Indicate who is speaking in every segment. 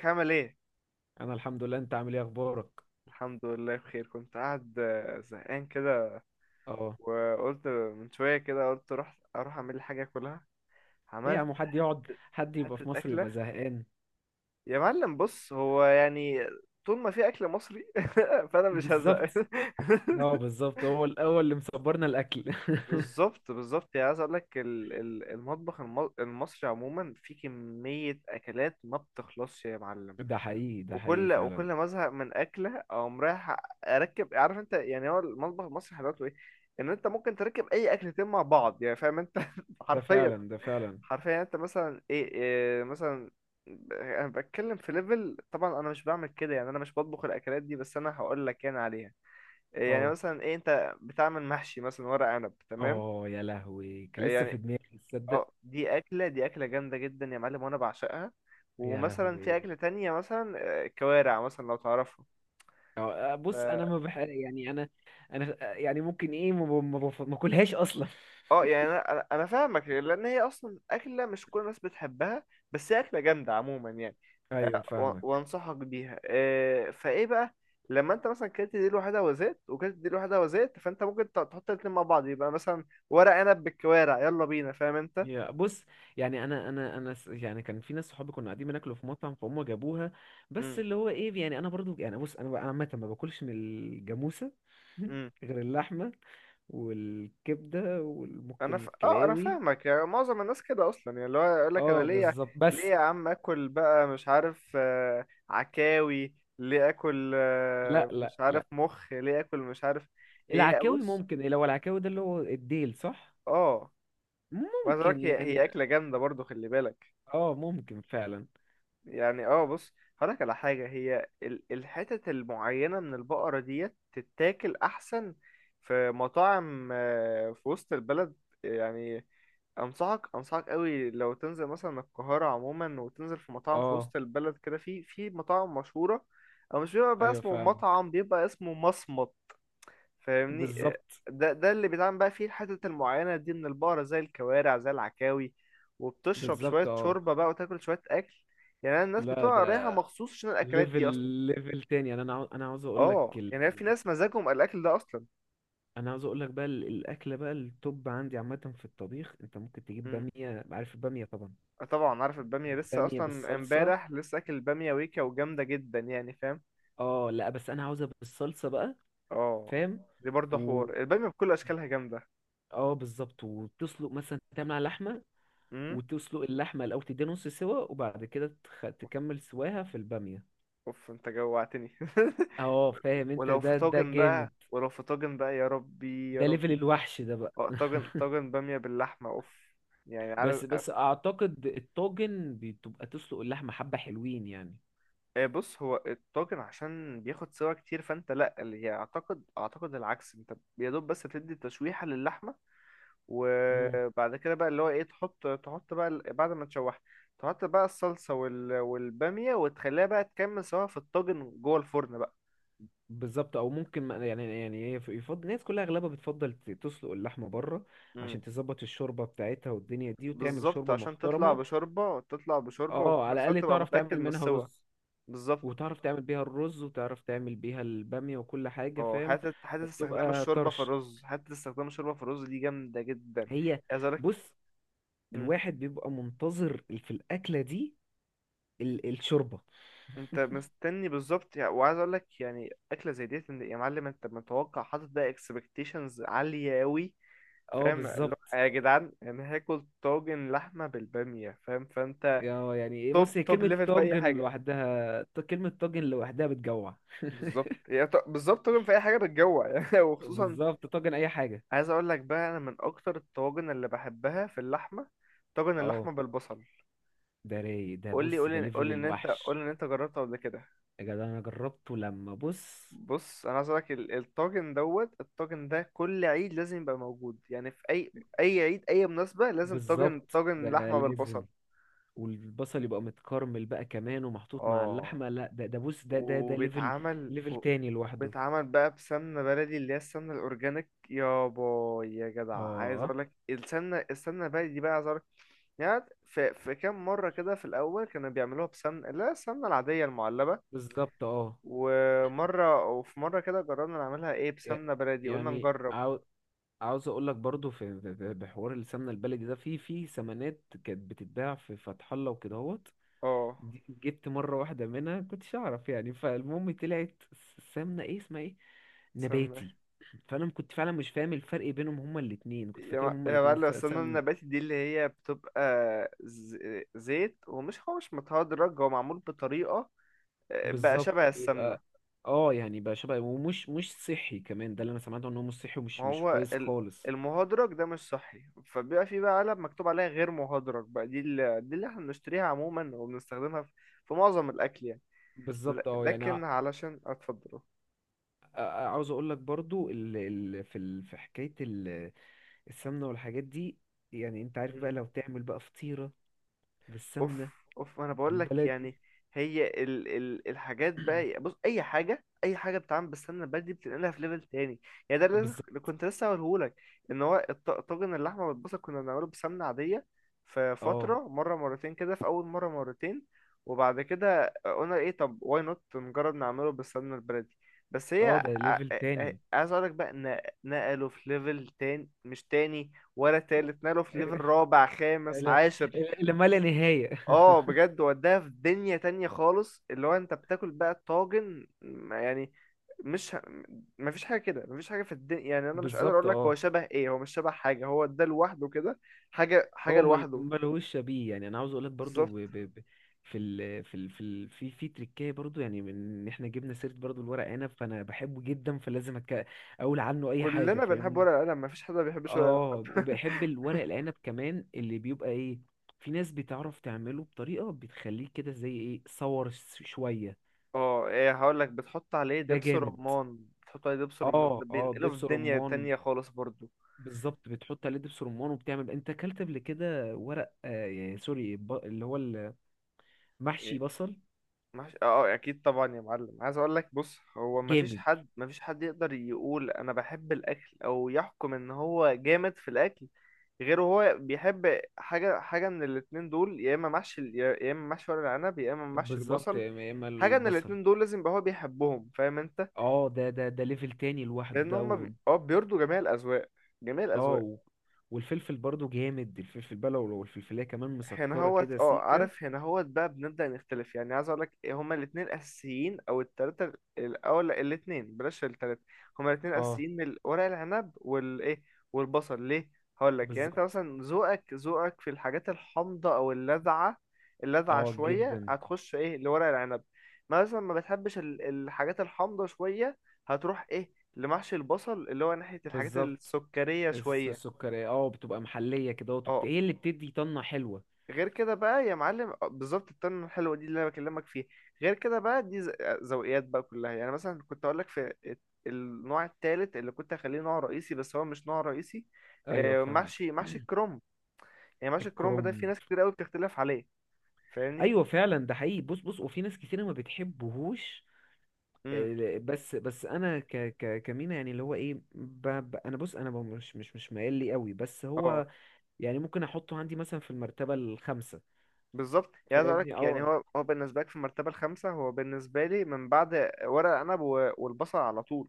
Speaker 1: ازيك عامل ايه؟
Speaker 2: انا الحمد لله، انت عامل ايه؟ اخبارك.
Speaker 1: الحمد لله بخير كنت قاعد زهقان كده.
Speaker 2: اه.
Speaker 1: وقلت من شوية كده، قلت اروح اعمل لي حاجة اكلها.
Speaker 2: ليه يا
Speaker 1: عملت
Speaker 2: عم؟ حد يقعد، حد يبقى
Speaker 1: حتة
Speaker 2: في مصر
Speaker 1: أكلة.
Speaker 2: ويبقى زهقان؟
Speaker 1: يا معلم بص هو يعني طول ما في أكل مصري فأنا مش
Speaker 2: بالظبط.
Speaker 1: هزهق.
Speaker 2: اه بالظبط، هو الاول اللي مصبرنا الاكل.
Speaker 1: بالظبط، بالظبط. يعني عايز اقول لك المطبخ المصري عموما فيه كمية أكلات ما بتخلصش يا معلم.
Speaker 2: ده حقيقي، ده حقيقي
Speaker 1: وكل
Speaker 2: فعلا.
Speaker 1: ما ازهق من اكله اقوم رايح اركب. عارف انت يعني هو المطبخ المصري حلاوته ايه؟ ان انت ممكن تركب اي اكلتين مع بعض، يعني فاهم انت؟
Speaker 2: ده
Speaker 1: حرفيا.
Speaker 2: فعلا ده فعلا.
Speaker 1: حرفيا يعني انت مثلا إيه مثلا؟ انا بتكلم في ليفل، طبعا انا مش بعمل كده، يعني انا مش بطبخ الاكلات دي، بس انا هقول لك يعني عليها. يعني
Speaker 2: اه.
Speaker 1: مثلا ايه، انت بتعمل محشي مثلا ورق عنب تمام.
Speaker 2: اه يا لهوي، كان لسه في
Speaker 1: يعني
Speaker 2: دماغي، تصدق؟
Speaker 1: اه، دي اكله، دي اكله جامده جدا يا معلم، وانا بعشقها.
Speaker 2: يا
Speaker 1: ومثلا في
Speaker 2: لهوي.
Speaker 1: اكله تانية مثلا كوارع مثلا، لو تعرفها.
Speaker 2: بص انا ما بح، يعني انا يعني ممكن ايه، ما ب- ما بف- ما باكلهاش اصلا.
Speaker 1: اه، يعني انا أنا فاهمك، لان هي اصلا اكله مش كل الناس بتحبها، بس هي اكله جامده عموما يعني.
Speaker 2: ايوه فاهمك.
Speaker 1: وانصحك بيها. فايه بقى؟ لما انت مثلا كلت دي لوحدها وزيت، وكلت دي لوحدها وزيت، فانت ممكن تحط الاتنين مع بعض، يبقى مثلا ورق عنب بالكوارع، يلا بينا، فاهم انت؟
Speaker 2: هي بص، يعني كان في ناس صحابي كنا قاعدين بناكلوا في مطعم، فهم جابوها. بس اللي هو ايه، يعني انا برضو، يعني بص انا بقى عامه ما باكلش من الجاموسه.
Speaker 1: امم،
Speaker 2: غير اللحمه والكبده
Speaker 1: انا
Speaker 2: وممكن
Speaker 1: ف... اه انا
Speaker 2: الكلاوي.
Speaker 1: فاهمك. يعني معظم الناس كده اصلا، يعني اللي هو يقول لك انا
Speaker 2: اه
Speaker 1: ليه؟
Speaker 2: بالظبط
Speaker 1: ليه
Speaker 2: بس.
Speaker 1: يا عم اكل بقى مش عارف عكاوي، ليه اكل
Speaker 2: لا لا
Speaker 1: مش عارف
Speaker 2: لا.
Speaker 1: مخ، ليه اكل مش عارف. هي
Speaker 2: العكاوي
Speaker 1: بص،
Speaker 2: ممكن إيه، لو العكاوي ده اللي هو الديل صح؟
Speaker 1: اه، وعايز اقول
Speaker 2: ممكن
Speaker 1: لك هي،
Speaker 2: يعني.
Speaker 1: هي اكله جامده برضو، خلي بالك
Speaker 2: اه ممكن فعلا.
Speaker 1: يعني. اه بص، هقول لك على حاجه. هي الحتت المعينه من البقره ديت تتاكل احسن في مطاعم في وسط البلد يعني. انصحك، انصحك قوي لو تنزل مثلا القاهره عموما، وتنزل في مطاعم في
Speaker 2: اه
Speaker 1: وسط البلد كده، في مطاعم مشهوره، او مش بيبقى بقى
Speaker 2: ايوه
Speaker 1: اسمه
Speaker 2: فاهم.
Speaker 1: مطعم، بيبقى اسمه مصمت. فاهمني
Speaker 2: بالظبط.
Speaker 1: ده، ده اللي بيتعمل بقى فيه الحتت المعينه دي من البقره، زي الكوارع، زي العكاوي. وبتشرب
Speaker 2: بالظبط
Speaker 1: شويه
Speaker 2: اه.
Speaker 1: شوربه بقى، وتاكل شويه اكل، يعني. أنا الناس
Speaker 2: لا
Speaker 1: بتبقى
Speaker 2: ده
Speaker 1: رايحه مخصوص عشان الاكلات
Speaker 2: ليفل
Speaker 1: دي اصلا.
Speaker 2: ليفل تاني، يعني انا عاوز اقول لك
Speaker 1: اه يعني في ناس مزاجهم الاكل ده اصلا.
Speaker 2: انا عاوز اقول لك بقى الاكله بقى التوب عندي عامه في الطبيخ. انت ممكن تجيب
Speaker 1: مم.
Speaker 2: باميه، عارف الباميه طبعا؟
Speaker 1: طبعا عارف الباميه، لسه
Speaker 2: باميه
Speaker 1: اصلا
Speaker 2: بالصلصه.
Speaker 1: امبارح لسه اكل باميه ويكا، وجامده جدا يعني، فاهم.
Speaker 2: اه لا بس انا عاوزها بالصلصه بقى.
Speaker 1: اه،
Speaker 2: فاهم.
Speaker 1: دي برضه
Speaker 2: و
Speaker 1: حوار البامية بكل اشكالها جامدة.
Speaker 2: اه بالظبط، وتسلق مثلا تعمل على لحمه.
Speaker 1: امم،
Speaker 2: وتسلق اللحمه الاول، تديها نص سوا وبعد كده
Speaker 1: اوف،
Speaker 2: تكمل سواها في الباميه.
Speaker 1: أوف، انت جوعتني.
Speaker 2: اه فاهم انت،
Speaker 1: ولو في
Speaker 2: ده
Speaker 1: طاجن
Speaker 2: جامد.
Speaker 1: بقى، ولو في طاجن بقى، يا ربي يا
Speaker 2: ده ليفل
Speaker 1: ربي.
Speaker 2: الوحش ده بقى.
Speaker 1: اه طاجن، طاجن بامية باللحمة، اوف. يعني على
Speaker 2: بس بس اعتقد الطاجن بتبقى تسلق اللحمه حبه حلوين يعني.
Speaker 1: بص، هو الطاجن عشان بياخد سوا كتير، فانت لا، اللي هي اعتقد العكس، انت يا دوب بس تدي تشويحة للحمة،
Speaker 2: مم.
Speaker 1: وبعد كده بقى اللي هو ايه، تحط بقى بعد ما تشوح تحط بقى الصلصة والبامية، وتخليها بقى تكمل سوا في الطاجن جوه الفرن بقى.
Speaker 2: بالظبط. او ممكن يعني يعني هي يفضل الناس كلها اغلبها بتفضل تسلق اللحمه بره،
Speaker 1: مم.
Speaker 2: عشان تظبط الشوربه بتاعتها والدنيا دي، وتعمل
Speaker 1: بالظبط،
Speaker 2: شوربه
Speaker 1: عشان تطلع
Speaker 2: محترمه.
Speaker 1: بشوربة، تطلع بشوربة، وفي
Speaker 2: اه
Speaker 1: نفس
Speaker 2: على
Speaker 1: الوقت
Speaker 2: الاقل
Speaker 1: تبقى
Speaker 2: تعرف
Speaker 1: متأكد
Speaker 2: تعمل
Speaker 1: من
Speaker 2: منها
Speaker 1: السوا.
Speaker 2: رز،
Speaker 1: بالظبط
Speaker 2: وتعرف تعمل بيها الرز وتعرف تعمل بيها الباميه وكل حاجه
Speaker 1: اه،
Speaker 2: فاهم؟
Speaker 1: حتة، حتة استخدام
Speaker 2: فبتبقى
Speaker 1: الشوربة في
Speaker 2: طرش.
Speaker 1: الرز، حتة استخدام الشوربة في الرز دي جامدة جدا.
Speaker 2: هي
Speaker 1: عايز اقولك،
Speaker 2: بص،
Speaker 1: مم.
Speaker 2: الواحد بيبقى منتظر في الاكله دي الشوربه.
Speaker 1: انت مستني بالظبط يعني. وعايز اقولك يعني أكلة زي ديت، يا معلم انت متوقع، حاطط ده اكسبكتيشنز عالية أوي.
Speaker 2: اه
Speaker 1: فاهم اللي هو
Speaker 2: بالظبط.
Speaker 1: يا جدعان، يعني هاكل طاجن لحمة بالبامية، فاهم، فانت
Speaker 2: اه يعني إيه،
Speaker 1: توب،
Speaker 2: بص هي
Speaker 1: توب
Speaker 2: كلمة
Speaker 1: ليفل في أي
Speaker 2: طاجن
Speaker 1: حاجة.
Speaker 2: لوحدها، كلمة طاجن لوحدها بتجوع.
Speaker 1: بالظبط، بالظبط طبعا في اي حاجه بتجوع يعني وخصوصا
Speaker 2: بالظبط، طاجن أي حاجة.
Speaker 1: عايز اقول لك بقى، انا من اكتر الطواجن اللي بحبها في اللحمه، طاجن
Speaker 2: اه
Speaker 1: اللحمه بالبصل.
Speaker 2: ده رايق، ده بص ده
Speaker 1: قول
Speaker 2: ليفل
Speaker 1: لي ان انت، قول
Speaker 2: الوحش.
Speaker 1: لي ان انت جربته قبل كده.
Speaker 2: يا جدع أنا جربته، لما بص.
Speaker 1: بص انا عايز اقول لك الطاجن دوت، الطاجن ده كل عيد لازم يبقى موجود، يعني في اي عيد، اي مناسبه، لازم طاجن،
Speaker 2: بالظبط
Speaker 1: طاجن
Speaker 2: ده
Speaker 1: لحمه
Speaker 2: لازم.
Speaker 1: بالبصل.
Speaker 2: والبصل يبقى متكرمل بقى كمان ومحطوط مع
Speaker 1: اه
Speaker 2: اللحمة. لا ده ده بص ده ليفل،
Speaker 1: وبيتعمل
Speaker 2: ليفل تاني لوحده.
Speaker 1: وبيتعمل بقى بسمنة بلدي، اللي هي السمنة الأورجانيك، يا باي يا جدع. عايز
Speaker 2: اه
Speaker 1: أقولك السمنة، السمنة البلدي بقى، عايز أقولك. يعني في كام مرة كده في الأول كانوا بيعملوها بسمنة، لا، السمنة العادية المعلبة.
Speaker 2: بالظبط. اه
Speaker 1: ومرة وفي مرة كده جربنا نعملها إيه،
Speaker 2: ي-
Speaker 1: بسمنة بلدي، قلنا
Speaker 2: يعني
Speaker 1: نجرب.
Speaker 2: عاو- عاوز اقول لك برضو في بحوار السمنه البلدي ده، في في سمنات كانت بتتباع في فتح الله وكدهوت.
Speaker 1: اه
Speaker 2: دي جبت مره واحده منها، كنتش اعرف يعني، فالمهم طلعت السمنه ايه اسمها ايه،
Speaker 1: سمنة.
Speaker 2: نباتي. كنت فعلا مش فاهم الفرق بينهم، هما الاتنين كنت فاكرهم هما
Speaker 1: يا
Speaker 2: الاتنين
Speaker 1: معلم السمنة
Speaker 2: سمنه.
Speaker 1: النباتي دي، اللي هي بتبقى ز- زيت، ومش هو مش متهدرج، هو معمول بطريقة بقى
Speaker 2: بالظبط
Speaker 1: شبه
Speaker 2: بيبقى.
Speaker 1: السمنة.
Speaker 2: اه يعني بقى شبه، ومش مش صحي كمان، ده اللي انا سمعته، ان هو مش صحي
Speaker 1: ما
Speaker 2: ومش مش
Speaker 1: هو
Speaker 2: كويس خالص.
Speaker 1: المهدرج ده مش صحي، فبيبقى في بقى علب مكتوب عليها غير مهدرج بقى، دي دي اللي احنا بنشتريها عموما، وبنستخدمها في معظم الأكل يعني.
Speaker 2: بالظبط. اه يعني
Speaker 1: لكن
Speaker 2: ع-
Speaker 1: علشان اتفضل.
Speaker 2: ع- عاوز اقول لك برضو في في حكايه السمنة والحاجات دي. يعني انت عارف بقى لو تعمل بقى فطيرة
Speaker 1: اوف،
Speaker 2: بالسمنة
Speaker 1: اوف، انا بقول لك
Speaker 2: البلدي.
Speaker 1: يعني هي ال ال الحاجات بقى، بص، اي حاجه، اي حاجه بتتعمل بالسمنه البلدي بتنقلها في ليفل تاني يعني. ده اللي
Speaker 2: بالظبط
Speaker 1: اللي كنت لسه هقوله لك. ان هو طاجن اللحمه والبصل كنا بنعمله بسمنه عاديه في
Speaker 2: اه.
Speaker 1: فتره، مره مرتين كده، في اول مره مرتين، وبعد كده قلنا ايه، طب واي نوت نجرب نعمله بالسمنه البلدي. بس هي
Speaker 2: اه
Speaker 1: ع-
Speaker 2: ده
Speaker 1: ع-
Speaker 2: ليفل
Speaker 1: ع-
Speaker 2: تاني.
Speaker 1: عايز اقول لك بقى ان نقله في ليفل تاني، مش تاني ولا تالت، نقله في ليفل رابع، خامس،
Speaker 2: لا،
Speaker 1: عاشر.
Speaker 2: لما لا نهاية.
Speaker 1: اه بجد، وداها في دنيا تانية خالص، اللي هو انت بتاكل بقى طاجن ما يعني، مش ه... مفيش حاجة كده، مفيش حاجة في الدنيا، يعني انا مش قادر
Speaker 2: بالظبط
Speaker 1: اقول لك هو
Speaker 2: اه.
Speaker 1: شبه ايه، هو مش شبه حاجة، هو ده لوحده كده، حاجة، حاجة
Speaker 2: هو
Speaker 1: لوحده.
Speaker 2: ملهوش شبيه، يعني انا عاوز اقول لك برضو
Speaker 1: بالظبط.
Speaker 2: في في في تريكايه برضو، يعني من إن احنا جبنا سيره برضو الورق عنب، فانا بحبه جدا فلازم اقول عنه اي حاجه،
Speaker 1: كلنا بنحب
Speaker 2: فاهمني؟
Speaker 1: ورق القلم، مفيش حد ما بيحبش ورق القلم.
Speaker 2: اه وبحب الورق العنب كمان، اللي بيبقى ايه، في ناس بتعرف تعمله بطريقة بتخليه كده زي ايه، شوية.
Speaker 1: اه ايه، هقول لك، بتحط عليه
Speaker 2: ده
Speaker 1: دبس
Speaker 2: جامد.
Speaker 1: رمان، بتحط عليه دبس
Speaker 2: اه
Speaker 1: رمان، ده
Speaker 2: اه
Speaker 1: بينقله
Speaker 2: دبس
Speaker 1: في دنيا
Speaker 2: رمان.
Speaker 1: تانية خالص برضو.
Speaker 2: بالظبط، بتحط عليه دبس رمان. وبتعمل انت اكلت قبل كده ورق آه يعني سوري، اللي هو المحشي بصل.
Speaker 1: مش... اه اكيد طبعا يا معلم. عايز اقول لك، بص هو مفيش
Speaker 2: جامد.
Speaker 1: حد، مفيش حد يقدر يقول انا بحب الاكل، او يحكم ان هو جامد في الاكل، غير هو بيحب حاجه، حاجه من الاتنين دول، يا اما محشي يا اما محشي ورق العنب، يا اما محشي
Speaker 2: بالظبط
Speaker 1: البصل.
Speaker 2: يا اما
Speaker 1: حاجه من
Speaker 2: البصل.
Speaker 1: الاتنين دول لازم يبقى هو بيحبهم، فاهم انت؟
Speaker 2: اه ده ليفل تاني لوحده
Speaker 1: لان
Speaker 2: ده.
Speaker 1: هما
Speaker 2: و
Speaker 1: اه بيرضوا جميع الاذواق، جميع
Speaker 2: اه
Speaker 1: الاذواق.
Speaker 2: و والفلفل برضو جامد، الفلفل بلو، والفلفلية كمان
Speaker 1: هنا
Speaker 2: مسكرة
Speaker 1: هوت،
Speaker 2: كده
Speaker 1: اه
Speaker 2: سيكة.
Speaker 1: عارف، هنا هوت بقى بنبدأ نختلف. يعني عايز اقولك إيه، هما الاتنين اساسيين، او التلاتة او لا، الاتنين، بلاش التلاتة. هما الاتنين
Speaker 2: اه
Speaker 1: اساسيين، من ورق العنب والايه، والبصل. ليه؟ هقولك، يعني انت
Speaker 2: بالظبط.
Speaker 1: مثلا ذوقك، ذوقك في الحاجات الحامضة او اللاذعة، اللاذعة
Speaker 2: اه
Speaker 1: شوية،
Speaker 2: جدا.
Speaker 1: هتخش ايه لورق العنب. مثلا ما بتحبش الحاجات الحامضة شوية، هتروح ايه لمحشي البصل، اللي هو ناحية الحاجات
Speaker 2: بالظبط،
Speaker 1: السكرية شوية.
Speaker 2: السكرية اه بتبقى محلية كده،
Speaker 1: اه
Speaker 2: وبت- هي اللي بتدي طنة حلوة.
Speaker 1: غير كده بقى يا معلم بالظبط، التونه الحلوه دي اللي انا بكلمك فيها. غير كده بقى دي ذوقيات بقى كلها. يعني مثلا كنت اقول لك في النوع التالت اللي كنت هخليه نوع رئيسي، بس هو مش نوع رئيسي.
Speaker 2: ايوه فاهمك.
Speaker 1: محشي، محشي الكرنب. يعني محشي الكرنب ده في
Speaker 2: الكرنب.
Speaker 1: ناس كتير قوي بتختلف عليه، فاهمني.
Speaker 2: ايوه فعلا ده حقيقي، بص بص وفي ناس كتيرة ما بتحبهوش.
Speaker 1: امم،
Speaker 2: بس بس انا ك كمينا يعني اللي هو ايه ب انا بص انا مش مايل لي قوي بس
Speaker 1: اه
Speaker 2: هو يعني ممكن احطه عندي مثلا في المرتبة الخامسة.
Speaker 1: بالظبط. يعني عايز اقول
Speaker 2: فاهمني؟
Speaker 1: لك، يعني
Speaker 2: اه.
Speaker 1: هو بالنسبه لك في المرتبه الخامسه، هو بالنسبه لي من بعد ورق عنب والبصل على طول،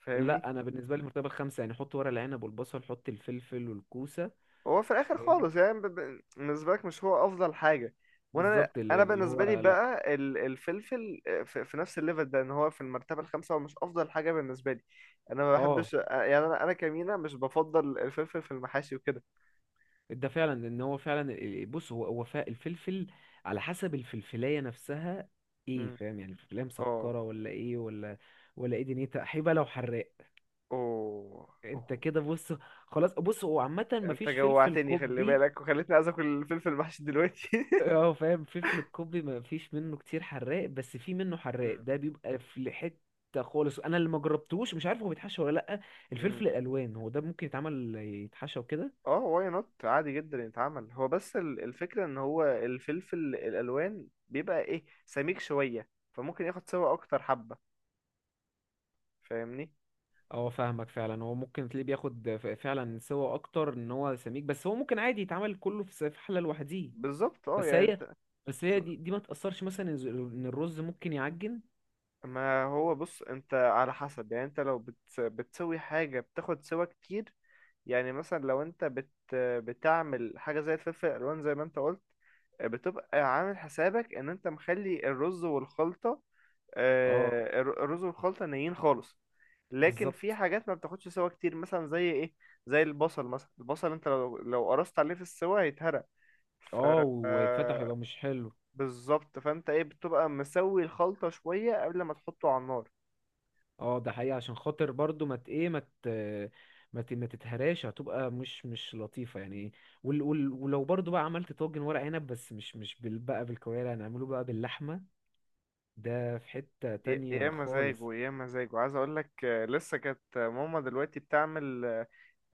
Speaker 1: فاهمني.
Speaker 2: لا انا بالنسبة لي المرتبة الخامسة يعني، حط ورق العنب والبصل، حط الفلفل والكوسة.
Speaker 1: هو في الاخر
Speaker 2: فاهمني؟
Speaker 1: خالص يعني، بالنسبه لك مش هو افضل حاجه.
Speaker 2: بالظبط، اللي
Speaker 1: انا
Speaker 2: اللي هو
Speaker 1: بالنسبه لي
Speaker 2: لا.
Speaker 1: بقى الفلفل في نفس الليفل ده، ان هو في المرتبه الخامسه، هو مش افضل حاجه بالنسبه لي. انا ما
Speaker 2: اه
Speaker 1: بحبش، يعني انا كمينة مش بفضل الفلفل في المحاشي وكده.
Speaker 2: ده فعلا، ان هو فعلا بص هو الفلفل على حسب الفلفلايه نفسها. ايه،
Speaker 1: مم.
Speaker 2: فاهم يعني الفلفلايه
Speaker 1: اه،
Speaker 2: مسكره ولا ايه ولا ولا ايه، دنيتها حيبه لو حراق.
Speaker 1: اوه، اوه.
Speaker 2: انت كده بص. خلاص بص هو عامه
Speaker 1: انت
Speaker 2: مفيش فلفل
Speaker 1: جوعتني، خلي
Speaker 2: قبي.
Speaker 1: بالك، وخليتني عايز اكل الفلفل المحشي دلوقتي.
Speaker 2: اه فاهم، فلفل القبي مفيش منه كتير حراق، بس في منه حراق
Speaker 1: مم.
Speaker 2: ده بيبقى في حته خالص، انا اللي ما جربتوش مش عارف هو بيتحشى ولا لا.
Speaker 1: مم.
Speaker 2: الفلفل الالوان هو ده ممكن يتعمل يتحشى وكده.
Speaker 1: اه، واي نوت عادي جدا يتعمل هو. بس الفكرة ان هو الفلفل الالوان بيبقى ايه، سميك شوية، فممكن ياخد سوا اكتر حبة، فاهمني.
Speaker 2: اه فاهمك فعلا، هو ممكن تلاقيه بياخد فعلا سوا اكتر، ان هو سميك، بس هو ممكن عادي يتعمل كله في في حله لوحديه.
Speaker 1: بالظبط اه،
Speaker 2: بس
Speaker 1: يعني
Speaker 2: هي، بس هي
Speaker 1: شو-
Speaker 2: دي, دي ما تاثرش مثلا ان إن الرز ممكن يعجن.
Speaker 1: ما هو بص، انت على حسب، يعني انت لو بتسوي حاجة بتاخد سوا كتير. يعني مثلا لو انت بتعمل حاجة زي الفلفل الالوان زي ما انت قلت، بتبقى عامل حسابك ان انت مخلي الرز والخلطة،
Speaker 2: اه
Speaker 1: الرز والخلطة نيين خالص. لكن في
Speaker 2: بالظبط.
Speaker 1: حاجات ما بتاخدش سوا كتير، مثلا زي ايه، زي البصل مثلا. البصل انت لو قرصت عليه في السوا هيتهرق. ف
Speaker 2: اه ويتفتح
Speaker 1: آه،
Speaker 2: يبقى مش حلو.
Speaker 1: بالظبط، فانت ايه، بتبقى مسوي الخلطة شوية قبل ما تحطه على النار.
Speaker 2: اه ده حقيقه، عشان خاطر برضو ما مت ايه ما مت ما ت- ما تتهراش، هتبقى مش مش لطيفه يعني. وال وال ولو برضو بقى عملت طاجن ورق عنب بس مش مش بال بقى بالكوارع، هنعمله بقى باللحمه، ده في حته
Speaker 1: يا
Speaker 2: تانية خالص.
Speaker 1: مزاجه، يا مزاجه. عايز اقول لك لسه كانت ماما دلوقتي بتعمل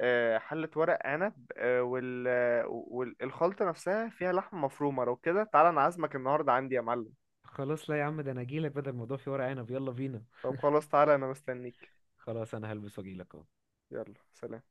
Speaker 1: حلة ورق عنب، والخلطة نفسها فيها لحمة مفرومة. لو كده تعالى، انا عازمك النهاردة عندي يا معلم.
Speaker 2: خلاص لا يا عم، ده انا اجيلك، بدل الموضوع في ورق عنب يلا بينا.
Speaker 1: طب خلاص تعالى، انا مستنيك.
Speaker 2: خلاص انا هلبس واجيلك اهو.
Speaker 1: يلا سلام.